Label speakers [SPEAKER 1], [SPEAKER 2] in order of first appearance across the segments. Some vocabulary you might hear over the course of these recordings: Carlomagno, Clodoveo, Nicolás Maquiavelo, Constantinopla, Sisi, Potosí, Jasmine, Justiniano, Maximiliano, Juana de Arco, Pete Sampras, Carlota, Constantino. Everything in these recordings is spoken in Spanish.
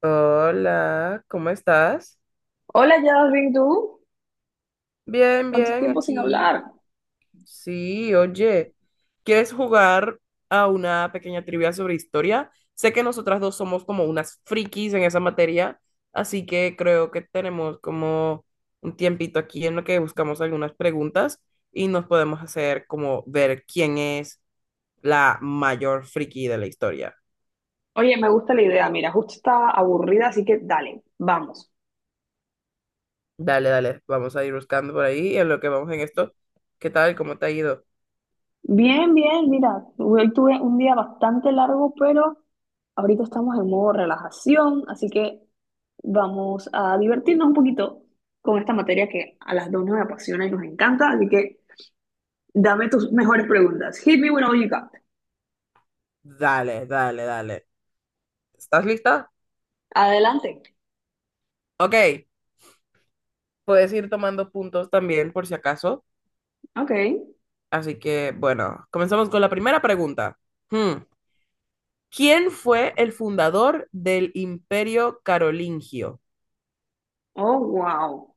[SPEAKER 1] Hola, ¿cómo estás?
[SPEAKER 2] Hola, Jasmine, ¿tú?
[SPEAKER 1] Bien,
[SPEAKER 2] ¿Cuánto
[SPEAKER 1] bien,
[SPEAKER 2] tiempo sin
[SPEAKER 1] aquí.
[SPEAKER 2] hablar?
[SPEAKER 1] Sí, oye, ¿quieres jugar a una pequeña trivia sobre historia? Sé que nosotras dos somos como unas frikis en esa materia, así que creo que tenemos como un tiempito aquí en lo que buscamos algunas preguntas y nos podemos hacer como ver quién es la mayor friki de la historia.
[SPEAKER 2] Oye, me gusta la idea, mira, justo estaba aburrida, así que dale, vamos.
[SPEAKER 1] Dale, dale, vamos a ir buscando por ahí en lo que vamos en esto. ¿Qué tal? ¿Cómo te ha ido?
[SPEAKER 2] Bien, bien, mira, hoy tuve un día bastante largo, pero ahorita estamos en modo relajación, así que vamos a divertirnos un poquito con esta materia que a las dos nos apasiona y nos encanta, así que dame tus mejores preguntas. Hit me with all you got.
[SPEAKER 1] Dale, dale, dale. ¿Estás lista?
[SPEAKER 2] Adelante.
[SPEAKER 1] Ok, puedes ir tomando puntos también por si acaso.
[SPEAKER 2] Ok.
[SPEAKER 1] Así que, bueno, comenzamos con la primera pregunta. Hmm, ¿Quién fue el fundador del Imperio Carolingio?
[SPEAKER 2] Oh, wow.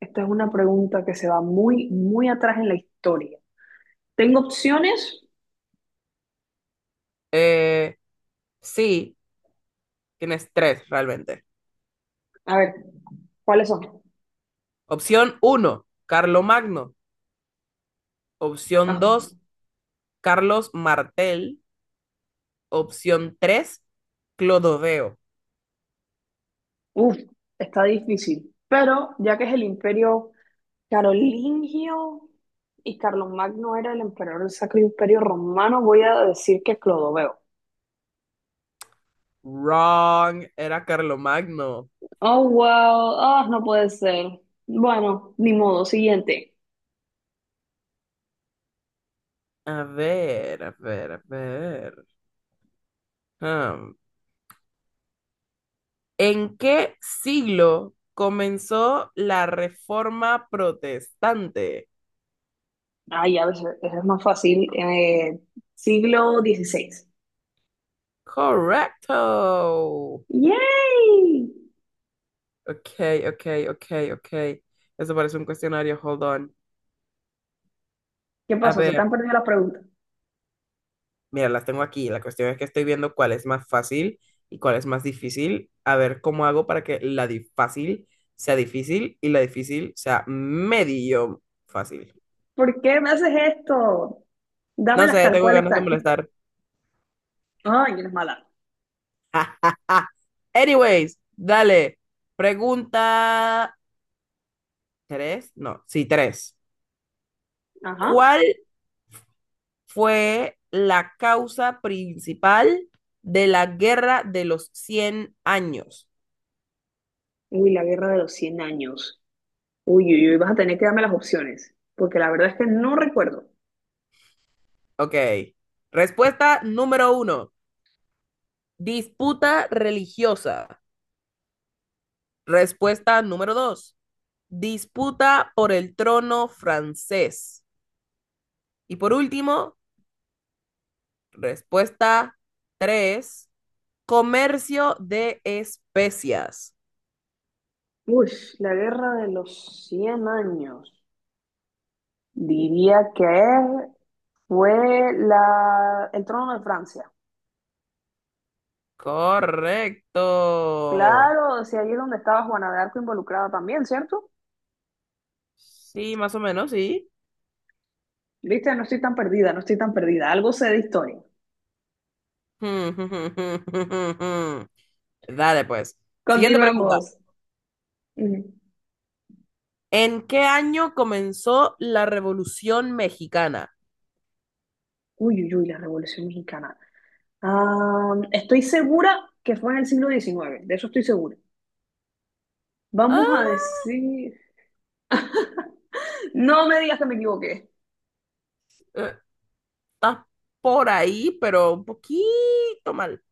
[SPEAKER 2] Esta es una pregunta que se va muy, muy atrás en la historia. Tengo opciones.
[SPEAKER 1] Eh, sí, tienes tres realmente.
[SPEAKER 2] A ver, ¿cuáles son?
[SPEAKER 1] Opción 1, Carlomagno. Opción
[SPEAKER 2] Ah,
[SPEAKER 1] 2, Carlos Martel. Opción 3, Clodoveo.
[SPEAKER 2] uf, está difícil. Pero ya que es el imperio carolingio y Carlomagno era el emperador del Sacro Imperio Romano, voy a decir que Clodoveo.
[SPEAKER 1] Wrong, era Carlomagno.
[SPEAKER 2] Oh, wow. Ah, no puede ser. Bueno, ni modo. Siguiente.
[SPEAKER 1] A ver, a ver, a ver. Am, ¿En qué siglo comenzó la reforma protestante?
[SPEAKER 2] Ay, a veces eso es más fácil. Siglo XVI.
[SPEAKER 1] Correcto.
[SPEAKER 2] ¡Yay!
[SPEAKER 1] Ok, ok, ok, ok. Eso parece un cuestionario, hold on.
[SPEAKER 2] ¿Qué
[SPEAKER 1] A
[SPEAKER 2] pasó? Se te
[SPEAKER 1] ver,
[SPEAKER 2] han perdido las preguntas.
[SPEAKER 1] mira, las tengo aquí. La cuestión es que estoy viendo cuál es más fácil y cuál es más difícil. A ver cómo hago para que la fácil sea difícil y la difícil sea medio fácil.
[SPEAKER 2] ¿Por qué me haces esto?
[SPEAKER 1] No
[SPEAKER 2] Dámelas
[SPEAKER 1] sé,
[SPEAKER 2] tal
[SPEAKER 1] tengo
[SPEAKER 2] cual
[SPEAKER 1] ganas de
[SPEAKER 2] están.
[SPEAKER 1] molestar.
[SPEAKER 2] Ay, eres mala.
[SPEAKER 1] Anyways, dale. Pregunta tres, no, sí, tres.
[SPEAKER 2] Ajá.
[SPEAKER 1] ¿Cuál fue la causa principal de la Guerra de los 100 años?
[SPEAKER 2] Uy, la guerra de los 100 años. Uy, uy, uy, vas a tener que darme las opciones, porque la verdad es que no recuerdo.
[SPEAKER 1] Ok. Respuesta número uno, disputa religiosa. Respuesta número dos, disputa por el trono francés. Y por último, respuesta tres, comercio de especias.
[SPEAKER 2] Uy, la guerra de los 100 años. Diría que fue la... el trono de Francia.
[SPEAKER 1] Correcto.
[SPEAKER 2] Claro, o sea, ahí es donde estaba Juana de Arco involucrada también, ¿cierto?
[SPEAKER 1] Sí, más o menos, sí.
[SPEAKER 2] Viste, no estoy tan perdida, no estoy tan perdida. Algo sé de historia.
[SPEAKER 1] Dale, pues. Siguiente pregunta.
[SPEAKER 2] Continuemos. Ujú.
[SPEAKER 1] ¿En qué año comenzó la Revolución Mexicana?
[SPEAKER 2] Uy, uy, uy, la Revolución Mexicana. Ah, estoy segura que fue en el siglo XIX, de eso estoy segura. Vamos a
[SPEAKER 1] Ah,
[SPEAKER 2] decir... No me digas que me equivoqué.
[SPEAKER 1] eh, estás por ahí, pero un poquito mal.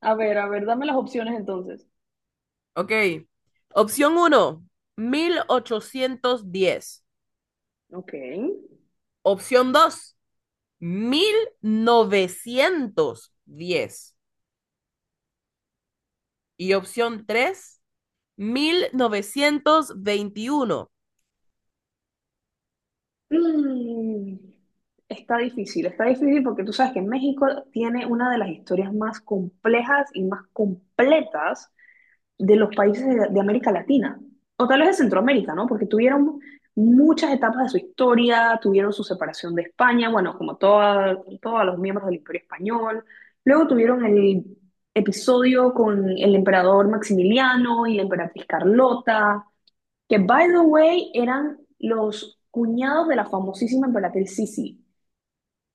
[SPEAKER 2] A ver, dame las opciones entonces.
[SPEAKER 1] Ok. Opción uno, 1810.
[SPEAKER 2] Ok.
[SPEAKER 1] Opción dos, 1910. Y opción tres 1921.
[SPEAKER 2] Mm, Está difícil, está difícil porque tú sabes que México tiene una de las historias más complejas y más completas de los países de América Latina, o tal vez de Centroamérica, ¿no? Porque tuvieron muchas etapas de su historia, tuvieron su separación de España, bueno, como toda, todos los miembros del Imperio Español, luego tuvieron el episodio con el emperador Maximiliano y la emperatriz Carlota, que, by the way, eran los cuñados de la famosísima emperatriz Sisi.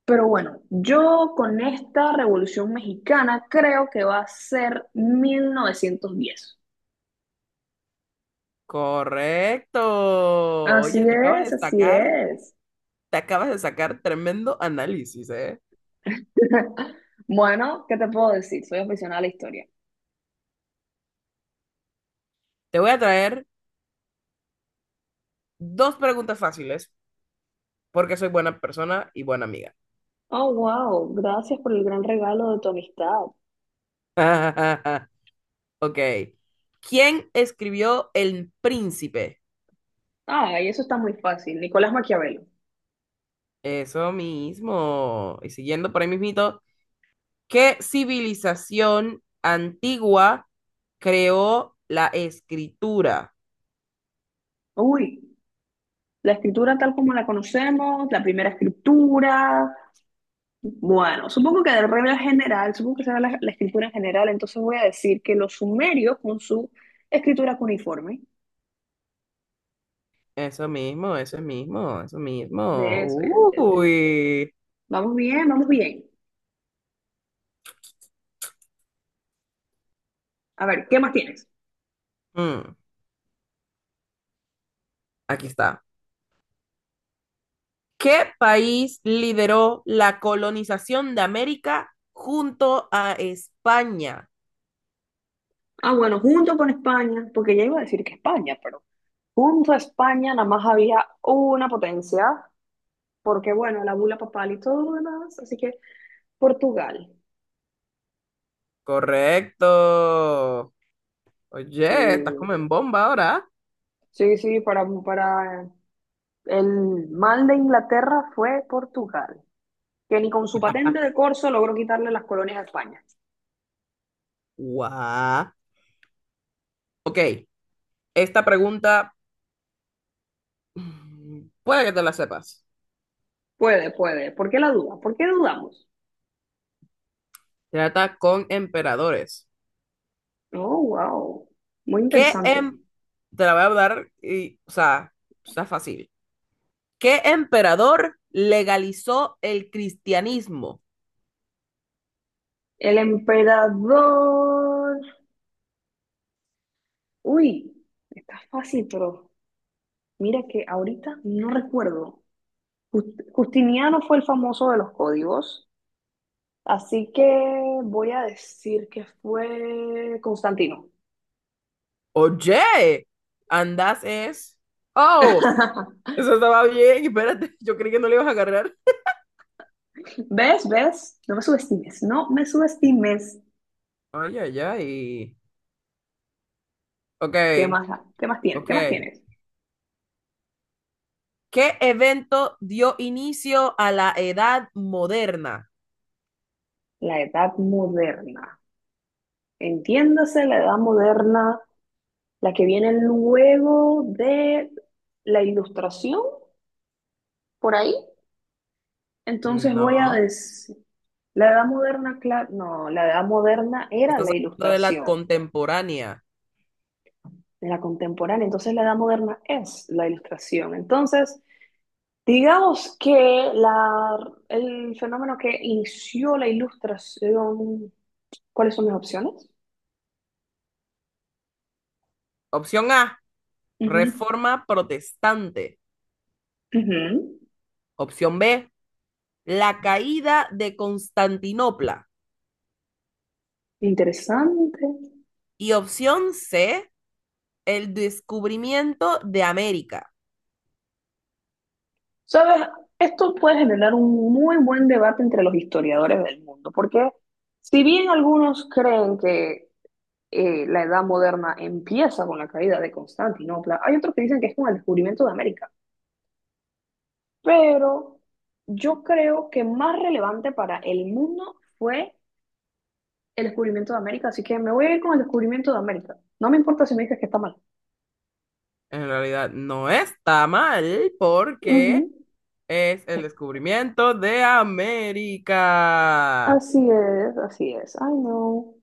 [SPEAKER 2] Pero bueno, yo con esta revolución mexicana creo que va a ser 1910.
[SPEAKER 1] Correcto.
[SPEAKER 2] Así
[SPEAKER 1] Oye, te acabas de
[SPEAKER 2] es, así
[SPEAKER 1] sacar,
[SPEAKER 2] es.
[SPEAKER 1] te acabas de sacar tremendo análisis, ¿eh?
[SPEAKER 2] Bueno, ¿qué te puedo decir? Soy aficionada a la historia.
[SPEAKER 1] Te voy a traer dos preguntas fáciles porque soy buena persona y buena amiga.
[SPEAKER 2] Oh, wow, gracias por el gran regalo de tu amistad.
[SPEAKER 1] Ok. ¿Quién escribió El Príncipe?
[SPEAKER 2] Ah, y eso está muy fácil. Nicolás Maquiavelo.
[SPEAKER 1] Eso mismo. Y siguiendo por ahí mismito, ¿qué civilización antigua creó la escritura?
[SPEAKER 2] Uy, la escritura tal como la conocemos, la primera escritura. Bueno, supongo que de regla general, supongo que será la escritura en general, entonces voy a decir que los sumerios con su escritura cuniforme.
[SPEAKER 1] Eso mismo, eso mismo, eso mismo.
[SPEAKER 2] ¿Ves? Ves, ves, ves.
[SPEAKER 1] Uy.
[SPEAKER 2] Vamos bien, vamos bien. A ver, ¿qué más tienes?
[SPEAKER 1] Mm, Aquí está. ¿Qué país lideró la colonización de América junto a España?
[SPEAKER 2] Ah, bueno, junto con España, porque ya iba a decir que España, pero junto a España nada más había una potencia, porque bueno, la bula papal y todo lo demás, así que Portugal.
[SPEAKER 1] Correcto. Oye, estás
[SPEAKER 2] Sí,
[SPEAKER 1] como en bomba ahora.
[SPEAKER 2] sí, sí, para el mal de Inglaterra fue Portugal, que ni con su patente de corso logró quitarle las colonias a España.
[SPEAKER 1] Guau. Ok, esta pregunta puede que te la sepas.
[SPEAKER 2] Puede, puede. ¿Por qué la duda? ¿Por qué dudamos?
[SPEAKER 1] Trata con emperadores.
[SPEAKER 2] Oh, wow. Muy
[SPEAKER 1] ¿Qué
[SPEAKER 2] interesante.
[SPEAKER 1] em- Te la voy a dar y, o sea, está fácil. ¿Qué emperador legalizó el cristianismo?
[SPEAKER 2] El emperador. Uy, está fácil, pero mira que ahorita no recuerdo. Justiniano fue el famoso de los códigos, así que voy a decir que fue Constantino.
[SPEAKER 1] Oye, andas es. Oh, eso estaba bien. Espérate, yo creí que no le ibas a agarrar.
[SPEAKER 2] ¿Ves? ¿Ves? No me subestimes, no me subestimes.
[SPEAKER 1] Ay, ay, ay. Ok,
[SPEAKER 2] ¿Qué más, qué más tienes? ¿Qué más
[SPEAKER 1] ok.
[SPEAKER 2] tienes?
[SPEAKER 1] ¿Qué evento dio inicio a la edad moderna?
[SPEAKER 2] La edad moderna. Entiéndase la edad moderna, la que viene luego de la ilustración, por ahí. Entonces voy a
[SPEAKER 1] No,
[SPEAKER 2] decir, la edad moderna, no, la edad moderna era
[SPEAKER 1] estás
[SPEAKER 2] la
[SPEAKER 1] hablando de la
[SPEAKER 2] ilustración,
[SPEAKER 1] contemporánea.
[SPEAKER 2] de la contemporánea, entonces la edad moderna es la ilustración. Entonces, digamos que el fenómeno que inició la ilustración, ¿cuáles son mis opciones?
[SPEAKER 1] Opción A,
[SPEAKER 2] Ujú,
[SPEAKER 1] reforma protestante.
[SPEAKER 2] ujú.
[SPEAKER 1] Opción B, la caída de Constantinopla.
[SPEAKER 2] Interesante.
[SPEAKER 1] Y opción C, el descubrimiento de América.
[SPEAKER 2] ¿Sabes? Esto puede generar un muy buen debate entre los historiadores del mundo, porque si bien algunos creen que la edad moderna empieza con la caída de Constantinopla. Hay otros que dicen que es con el descubrimiento de América, pero yo creo que más relevante para el mundo fue el descubrimiento de América, así que me voy a ir con el descubrimiento de América. No me importa si me dices que está mal.
[SPEAKER 1] En realidad no está mal
[SPEAKER 2] Ujú.
[SPEAKER 1] porque es el descubrimiento de América.
[SPEAKER 2] Así es, así es. Ay, no.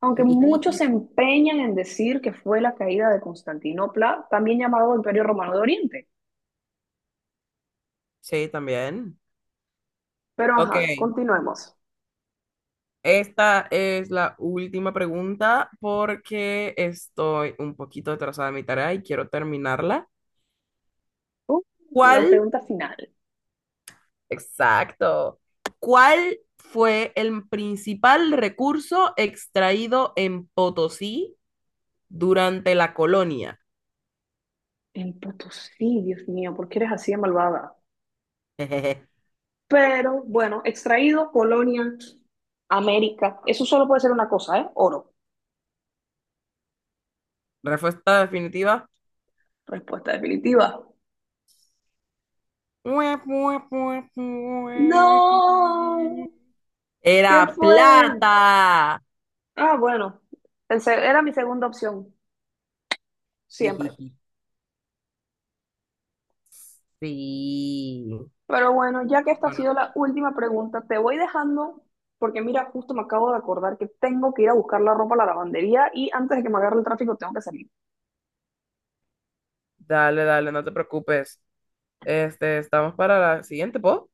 [SPEAKER 2] Aunque muchos se empeñan en decir que fue la caída de Constantinopla, también llamado Imperio Romano de Oriente.
[SPEAKER 1] Sí, también.
[SPEAKER 2] Pero
[SPEAKER 1] Ok,
[SPEAKER 2] ajá, continuemos.
[SPEAKER 1] esta es la última pregunta porque estoy un poquito atrasada en mi tarea y quiero terminarla.
[SPEAKER 2] Uh, la
[SPEAKER 1] ¿Cuál?
[SPEAKER 2] pregunta final.
[SPEAKER 1] Exacto. ¿Cuál fue el principal recurso extraído en Potosí durante la colonia?
[SPEAKER 2] El Potosí, Dios mío, ¿por qué eres así de malvada?
[SPEAKER 1] Jejeje.
[SPEAKER 2] Pero bueno, extraído, Polonia, América. Eso solo puede ser una cosa, ¿eh? Oro.
[SPEAKER 1] Respuesta definitiva.
[SPEAKER 2] Respuesta definitiva. No, ¿qué
[SPEAKER 1] Era
[SPEAKER 2] fue?
[SPEAKER 1] plata.
[SPEAKER 2] Ah, bueno, era mi segunda opción, siempre.
[SPEAKER 1] Sí.
[SPEAKER 2] Pero bueno, ya que esta ha
[SPEAKER 1] Bueno,
[SPEAKER 2] sido la última pregunta, te voy dejando porque mira, justo me acabo de acordar que tengo que ir a buscar la ropa a la lavandería y antes de que me agarre el tráfico tengo que salir.
[SPEAKER 1] dale, dale, no te preocupes. Este, estamos para la siguiente, ¿po?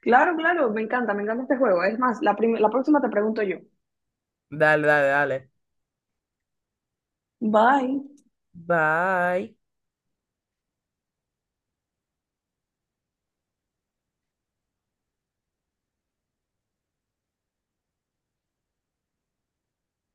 [SPEAKER 2] Claro, claro, me encanta este juego. Es más, la próxima te pregunto yo.
[SPEAKER 1] Dale, dale, dale.
[SPEAKER 2] Bye.
[SPEAKER 1] Bye.